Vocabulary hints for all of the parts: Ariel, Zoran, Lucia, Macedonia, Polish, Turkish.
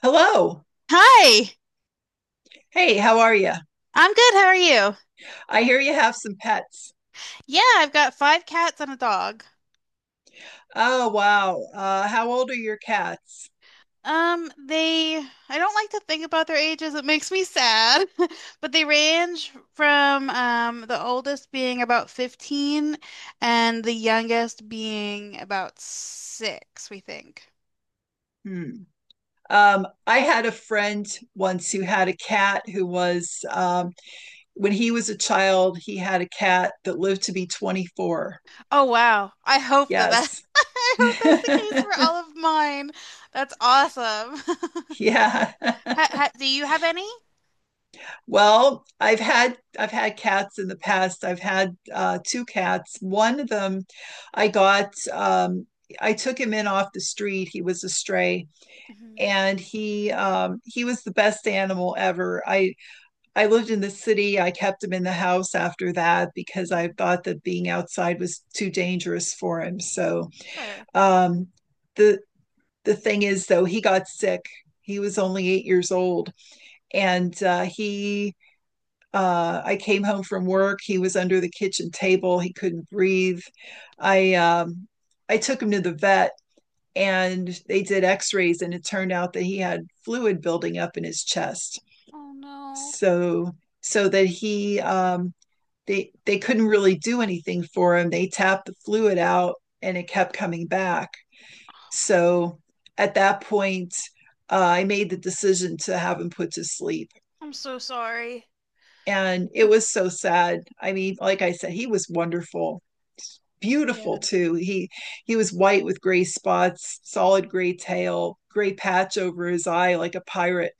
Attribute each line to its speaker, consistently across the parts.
Speaker 1: Hello.
Speaker 2: Hi,
Speaker 1: Hey, how are you?
Speaker 2: I'm good. How are you?
Speaker 1: I hear you have some pets.
Speaker 2: Yeah, I've got five cats and a dog.
Speaker 1: Oh, wow. How old are your cats?
Speaker 2: I don't like to think about their ages. It makes me sad. But they range from the oldest being about 15 and the youngest being about 6, we think.
Speaker 1: Hmm. I had a friend once who had a cat who was, when he was a child, he had a cat that lived to be 24.
Speaker 2: Oh wow. I hope that that
Speaker 1: Yes.
Speaker 2: I hope that's the case for all of mine. That's awesome.
Speaker 1: Yeah.
Speaker 2: Ha, ha, do you have any?
Speaker 1: Well, I've had cats in the past. I've had two cats. One of them I got I took him in off the street. He was a stray,
Speaker 2: Mhm.
Speaker 1: and he was the best animal ever. I lived in the city. I kept him in the house after that because I
Speaker 2: Mhm.
Speaker 1: thought that being outside was too dangerous for him. So
Speaker 2: Sure.
Speaker 1: um the the thing is, though, he got sick. He was only 8 years old, and he I came home from work. He was under the kitchen table. He couldn't breathe. I I took him to the vet, and they did x-rays, and it turned out that he had fluid building up in his chest.
Speaker 2: Oh no.
Speaker 1: So so that he they couldn't really do anything for him. They tapped the fluid out, and it kept coming back. So at that point, I made the decision to have him put to sleep.
Speaker 2: I'm so sorry.
Speaker 1: And it was so sad. I mean, like I said, he was wonderful.
Speaker 2: Yeah.
Speaker 1: Beautiful, too. He was white with gray spots, solid gray tail, gray patch over his eye like a pirate.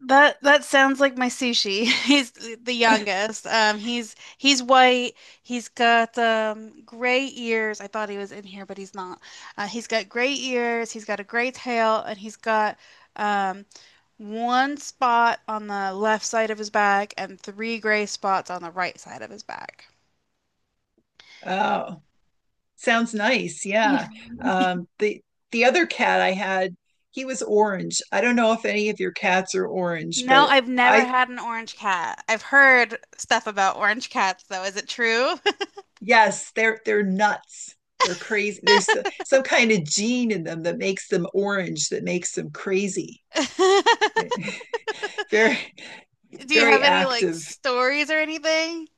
Speaker 2: That sounds like my Sushi. He's the youngest. He's white. He's got gray ears. I thought he was in here, but he's not. He's got gray ears. He's got a gray tail, and he's got um one spot on the left side of his back and three gray spots on the right side of his back.
Speaker 1: Oh, sounds nice.
Speaker 2: Yeah.
Speaker 1: Yeah. Um, the the other cat I had, he was orange. I don't know if any of your cats are orange,
Speaker 2: No,
Speaker 1: but
Speaker 2: I've never
Speaker 1: I
Speaker 2: had an orange cat. I've heard stuff about orange cats, though. Is it true?
Speaker 1: yes, they're nuts. They're crazy. There's some kind of gene in them that makes them orange, that makes them crazy. Very,
Speaker 2: Do you
Speaker 1: very
Speaker 2: have any like
Speaker 1: active.
Speaker 2: stories or anything?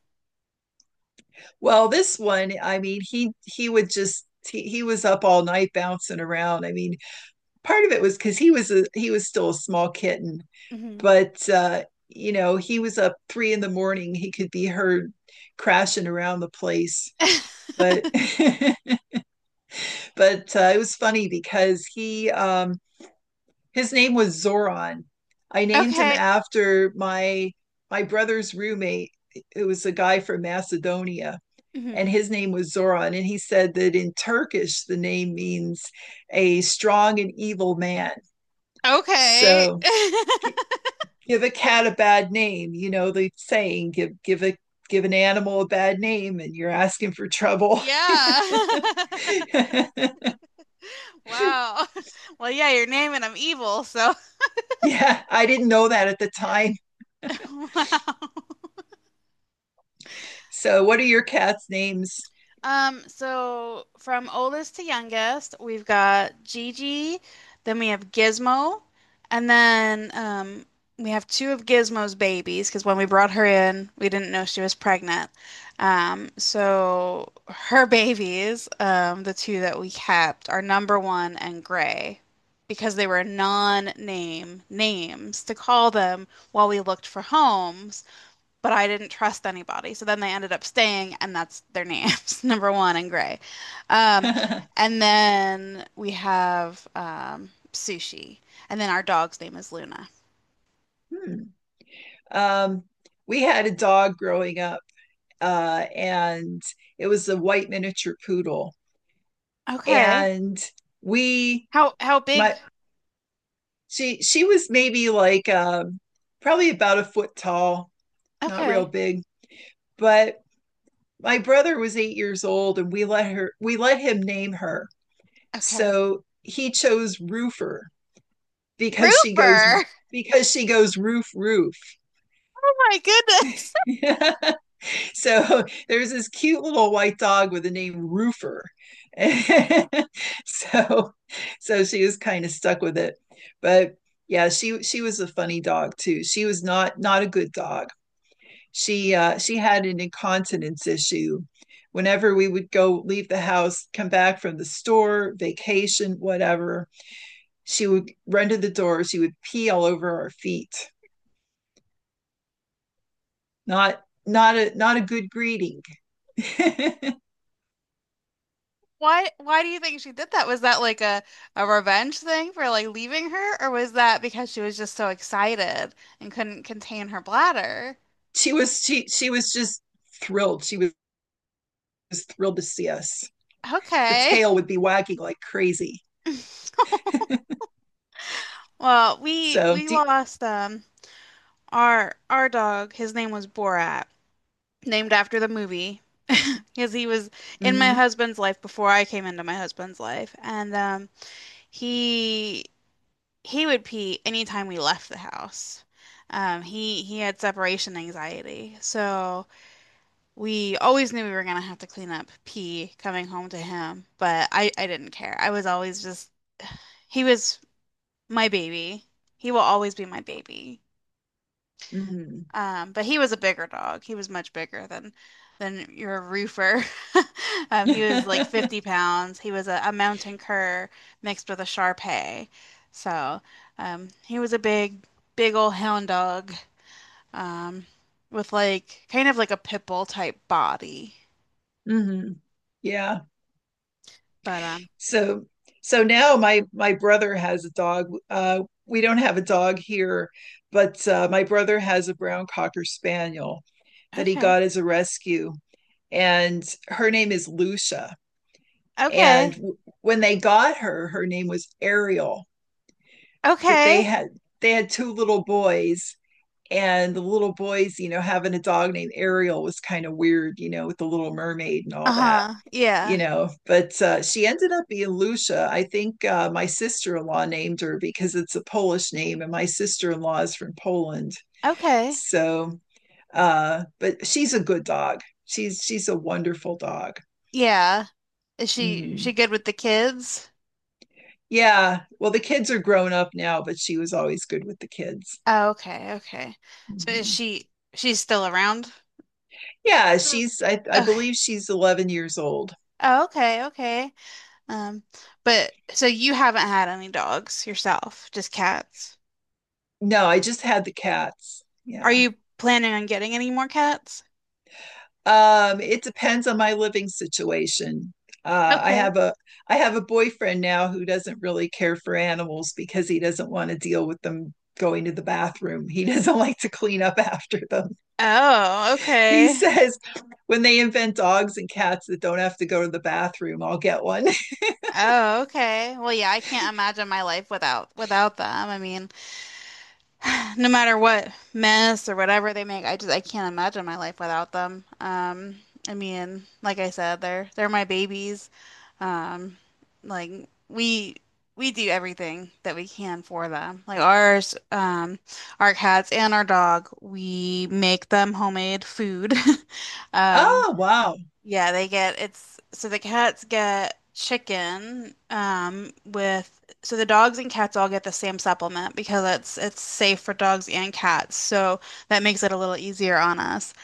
Speaker 1: Well, this one, I mean, he would just he was up all night bouncing around. I mean, part of it was because he was still a small kitten,
Speaker 2: Hmm.
Speaker 1: but you know, he was up three in the morning. He could be heard crashing around the place. But but it was funny because he his name was Zoran. I named him
Speaker 2: Okay.
Speaker 1: after my my brother's roommate. It was a guy from Macedonia, and
Speaker 2: Hmm.
Speaker 1: his name was Zoran. And he said that in Turkish, the name means a strong and evil man.
Speaker 2: Okay.
Speaker 1: So give a cat a bad name, you know the saying, give an animal a bad name and you're asking for trouble.
Speaker 2: Yeah. Wow. Well, yeah, you're naming I'm evil, so
Speaker 1: Yeah, I didn't know that at the time.
Speaker 2: Wow.
Speaker 1: So what are your cat's names?
Speaker 2: So from oldest to youngest, we've got Gigi, then we have Gizmo, and then we have two of Gizmo's babies because when we brought her in, we didn't know she was pregnant. So her babies, the two that we kept, are number one and Gray because they were non-name names to call them while we looked for homes, but I didn't trust anybody. So then they ended up staying, and that's their names, number one and Gray. Um,
Speaker 1: Hmm.
Speaker 2: and then we have Sushi, and then our dog's name is Luna.
Speaker 1: Um, we had a dog growing up, and it was a white miniature poodle.
Speaker 2: Okay.
Speaker 1: And we,
Speaker 2: How big?
Speaker 1: my, she was maybe like probably about a foot tall, not real
Speaker 2: Okay.
Speaker 1: big, but my brother was 8 years old, and we let him name her.
Speaker 2: Okay.
Speaker 1: So he chose Roofer because she goes
Speaker 2: Roofer.
Speaker 1: because she goes roof roof.
Speaker 2: Oh my goodness.
Speaker 1: So there's this cute little white dog with the name Roofer. So so she was kind of stuck with it. But yeah, she was a funny dog, too. She was not a good dog. She had an incontinence issue. Whenever we would go leave the house, come back from the store, vacation, whatever, she would run to the door, she would pee all over our feet. Not a good greeting.
Speaker 2: Why do you think she did that? Was that like a revenge thing for like leaving her, or was that because she was just so excited and couldn't contain her bladder?
Speaker 1: She was just thrilled. Was thrilled to see us. The
Speaker 2: Okay.
Speaker 1: tail would be wagging like crazy.
Speaker 2: Well, we
Speaker 1: So,
Speaker 2: we lost our dog. His name was Borat, named after the movie, because he was in my
Speaker 1: mm-hmm,
Speaker 2: husband's life before I came into my husband's life, and he he would pee anytime we left the house. He had separation anxiety, so we always knew we were gonna have to clean up pee coming home to him, but I didn't care. I was always just he was my baby. He will always be my baby.
Speaker 1: mm-hmm.
Speaker 2: But he was a bigger dog. He was much bigger than your Roofer. He was like 50 pounds. He was a mountain cur mixed with a Shar Pei. So he was a big, big old hound dog, um, with like kind of like a pit bull type body.
Speaker 1: Mm-hmm. Yeah.
Speaker 2: But
Speaker 1: So so now my brother has a dog. We don't have a dog here, but my brother has a brown cocker spaniel that he
Speaker 2: Okay,
Speaker 1: got as a rescue, and her name is Lucia.
Speaker 2: okay,
Speaker 1: And when they got her, her name was Ariel, but
Speaker 2: okay.
Speaker 1: they had two little boys, and the little boys, you know, having a dog named Ariel was kind of weird, you know, with the Little Mermaid and all that.
Speaker 2: Uh-huh.
Speaker 1: You
Speaker 2: Yeah.
Speaker 1: know, but she ended up being Lucia. I think my sister-in-law named her because it's a Polish name, and my sister-in-law is from Poland.
Speaker 2: Okay.
Speaker 1: So but she's a good dog. She's a wonderful dog.
Speaker 2: Yeah. Is she
Speaker 1: Mhm.
Speaker 2: good with the kids?
Speaker 1: Yeah, well, the kids are grown up now, but she was always good with the kids.
Speaker 2: Oh, okay, okay. So is
Speaker 1: Mhm.
Speaker 2: she she's still around?
Speaker 1: Yeah,
Speaker 2: So,
Speaker 1: she's I
Speaker 2: Okay.
Speaker 1: believe she's 11 years old.
Speaker 2: Oh, okay, okay. Um, but so you haven't had any dogs yourself, just cats.
Speaker 1: No, I just had the cats.
Speaker 2: Are
Speaker 1: Yeah.
Speaker 2: you planning on getting any more cats?
Speaker 1: It depends on my living situation. Uh, I
Speaker 2: Okay.
Speaker 1: have a I have a boyfriend now who doesn't really care for animals because he doesn't want to deal with them going to the bathroom. He doesn't like to clean up after them.
Speaker 2: Oh,
Speaker 1: He
Speaker 2: okay.
Speaker 1: says when they invent dogs and cats that don't have to go to the bathroom, I'll get one.
Speaker 2: Oh, okay. Well, yeah, I can't imagine my life without them. I mean, no matter what mess or whatever they make, I can't imagine my life without them. I mean, like I said, they're my babies. Um, like we we do everything that we can for them. Like our cats and our dog, we make them homemade food. Um,
Speaker 1: Oh, wow.
Speaker 2: yeah, they get it's so the cats get chicken, with so the dogs and cats all get the same supplement because it's safe for dogs and cats. So that makes it a little easier on us.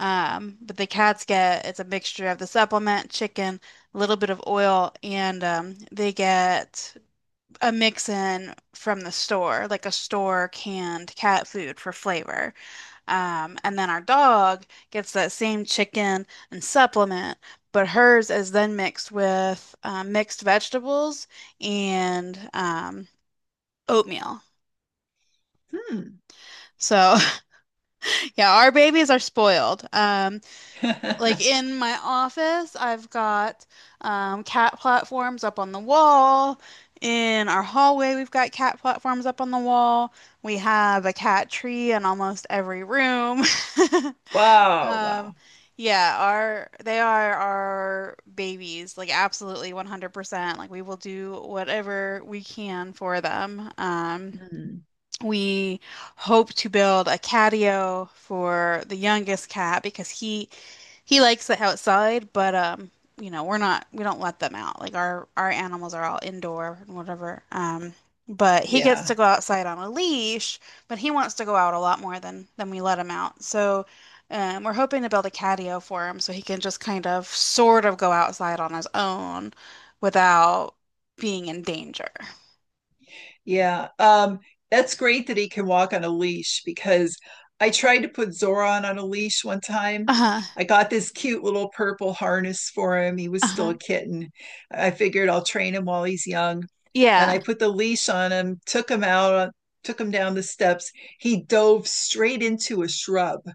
Speaker 2: But the cats get it's a mixture of the supplement, chicken, a little bit of oil, and they get a mix in from the store, like a store canned cat food for flavor. And then our dog gets that same chicken and supplement, but hers is then mixed with mixed vegetables and oatmeal.
Speaker 1: Hmm.
Speaker 2: So, yeah, our babies are spoiled. Like in my office, I've got cat platforms up on the wall. In our hallway, we've got cat platforms up on the wall. We have a cat tree in almost every room.
Speaker 1: Wow,
Speaker 2: Um,
Speaker 1: wow.
Speaker 2: yeah, our they are our babies, like absolutely 100%. Like we will do whatever we can for them. Um,
Speaker 1: Hmm.
Speaker 2: we hope to build a catio for the youngest cat because he likes the outside, but we don't let them out. Like our animals are all indoor and whatever. But he gets
Speaker 1: Yeah.
Speaker 2: to go outside on a leash, but he wants to go out a lot more than we let him out. So, we're hoping to build a catio for him so he can just kind of sort of go outside on his own without being in danger.
Speaker 1: Yeah. That's great that he can walk on a leash because I tried to put Zoran on a leash one time.
Speaker 2: Uh-huh.
Speaker 1: I got this cute little purple harness for him. He was still
Speaker 2: Uh-huh.
Speaker 1: a kitten. I figured I'll train him while he's young. And I
Speaker 2: Yeah.
Speaker 1: put the leash on him, took him out, took him down the steps. He dove straight into a shrub.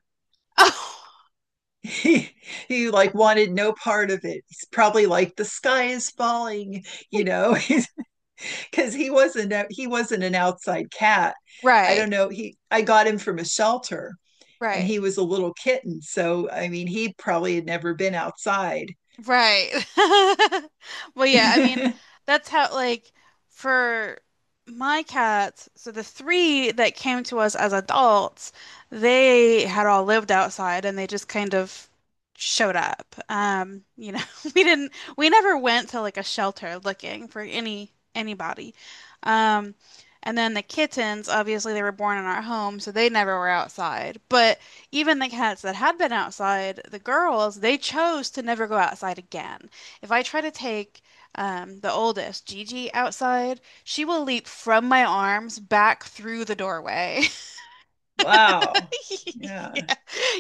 Speaker 1: He, he like wanted no part of it. He's probably like, the sky is falling, you
Speaker 2: Right,
Speaker 1: know. Because he wasn't an outside cat. I don't know. He I got him from a shelter, and
Speaker 2: right,
Speaker 1: he was a little kitten. So I mean, he probably had never been outside.
Speaker 2: right. Well, yeah, I mean, that's how, like, for my cats, so the three that came to us as adults, they had all lived outside and they just kind of showed up. We didn't, we never went to like a shelter looking for anybody. Um, and then the kittens, obviously, they were born in our home, so they never were outside. But even the cats that had been outside, the girls, they chose to never go outside again. If I try to take the oldest, Gigi, outside, she will leap from my arms back through the doorway.
Speaker 1: Wow. Yeah.
Speaker 2: Yeah.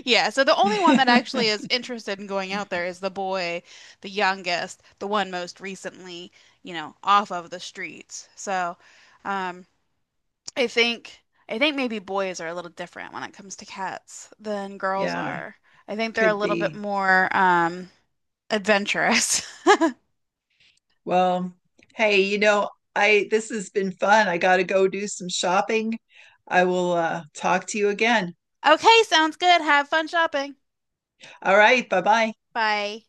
Speaker 2: Yeah, so the only one that actually is interested in going out there is the boy, the youngest, the one most recently, off of the streets. So, um, I think I think maybe boys are a little different when it comes to cats than girls
Speaker 1: Yeah.
Speaker 2: are. I think they're a
Speaker 1: Could
Speaker 2: little bit
Speaker 1: be.
Speaker 2: more adventurous.
Speaker 1: Well, hey, you know, I this has been fun. I gotta go do some shopping. I will talk to you again.
Speaker 2: Okay, sounds good. Have fun shopping.
Speaker 1: All right, bye bye.
Speaker 2: Bye.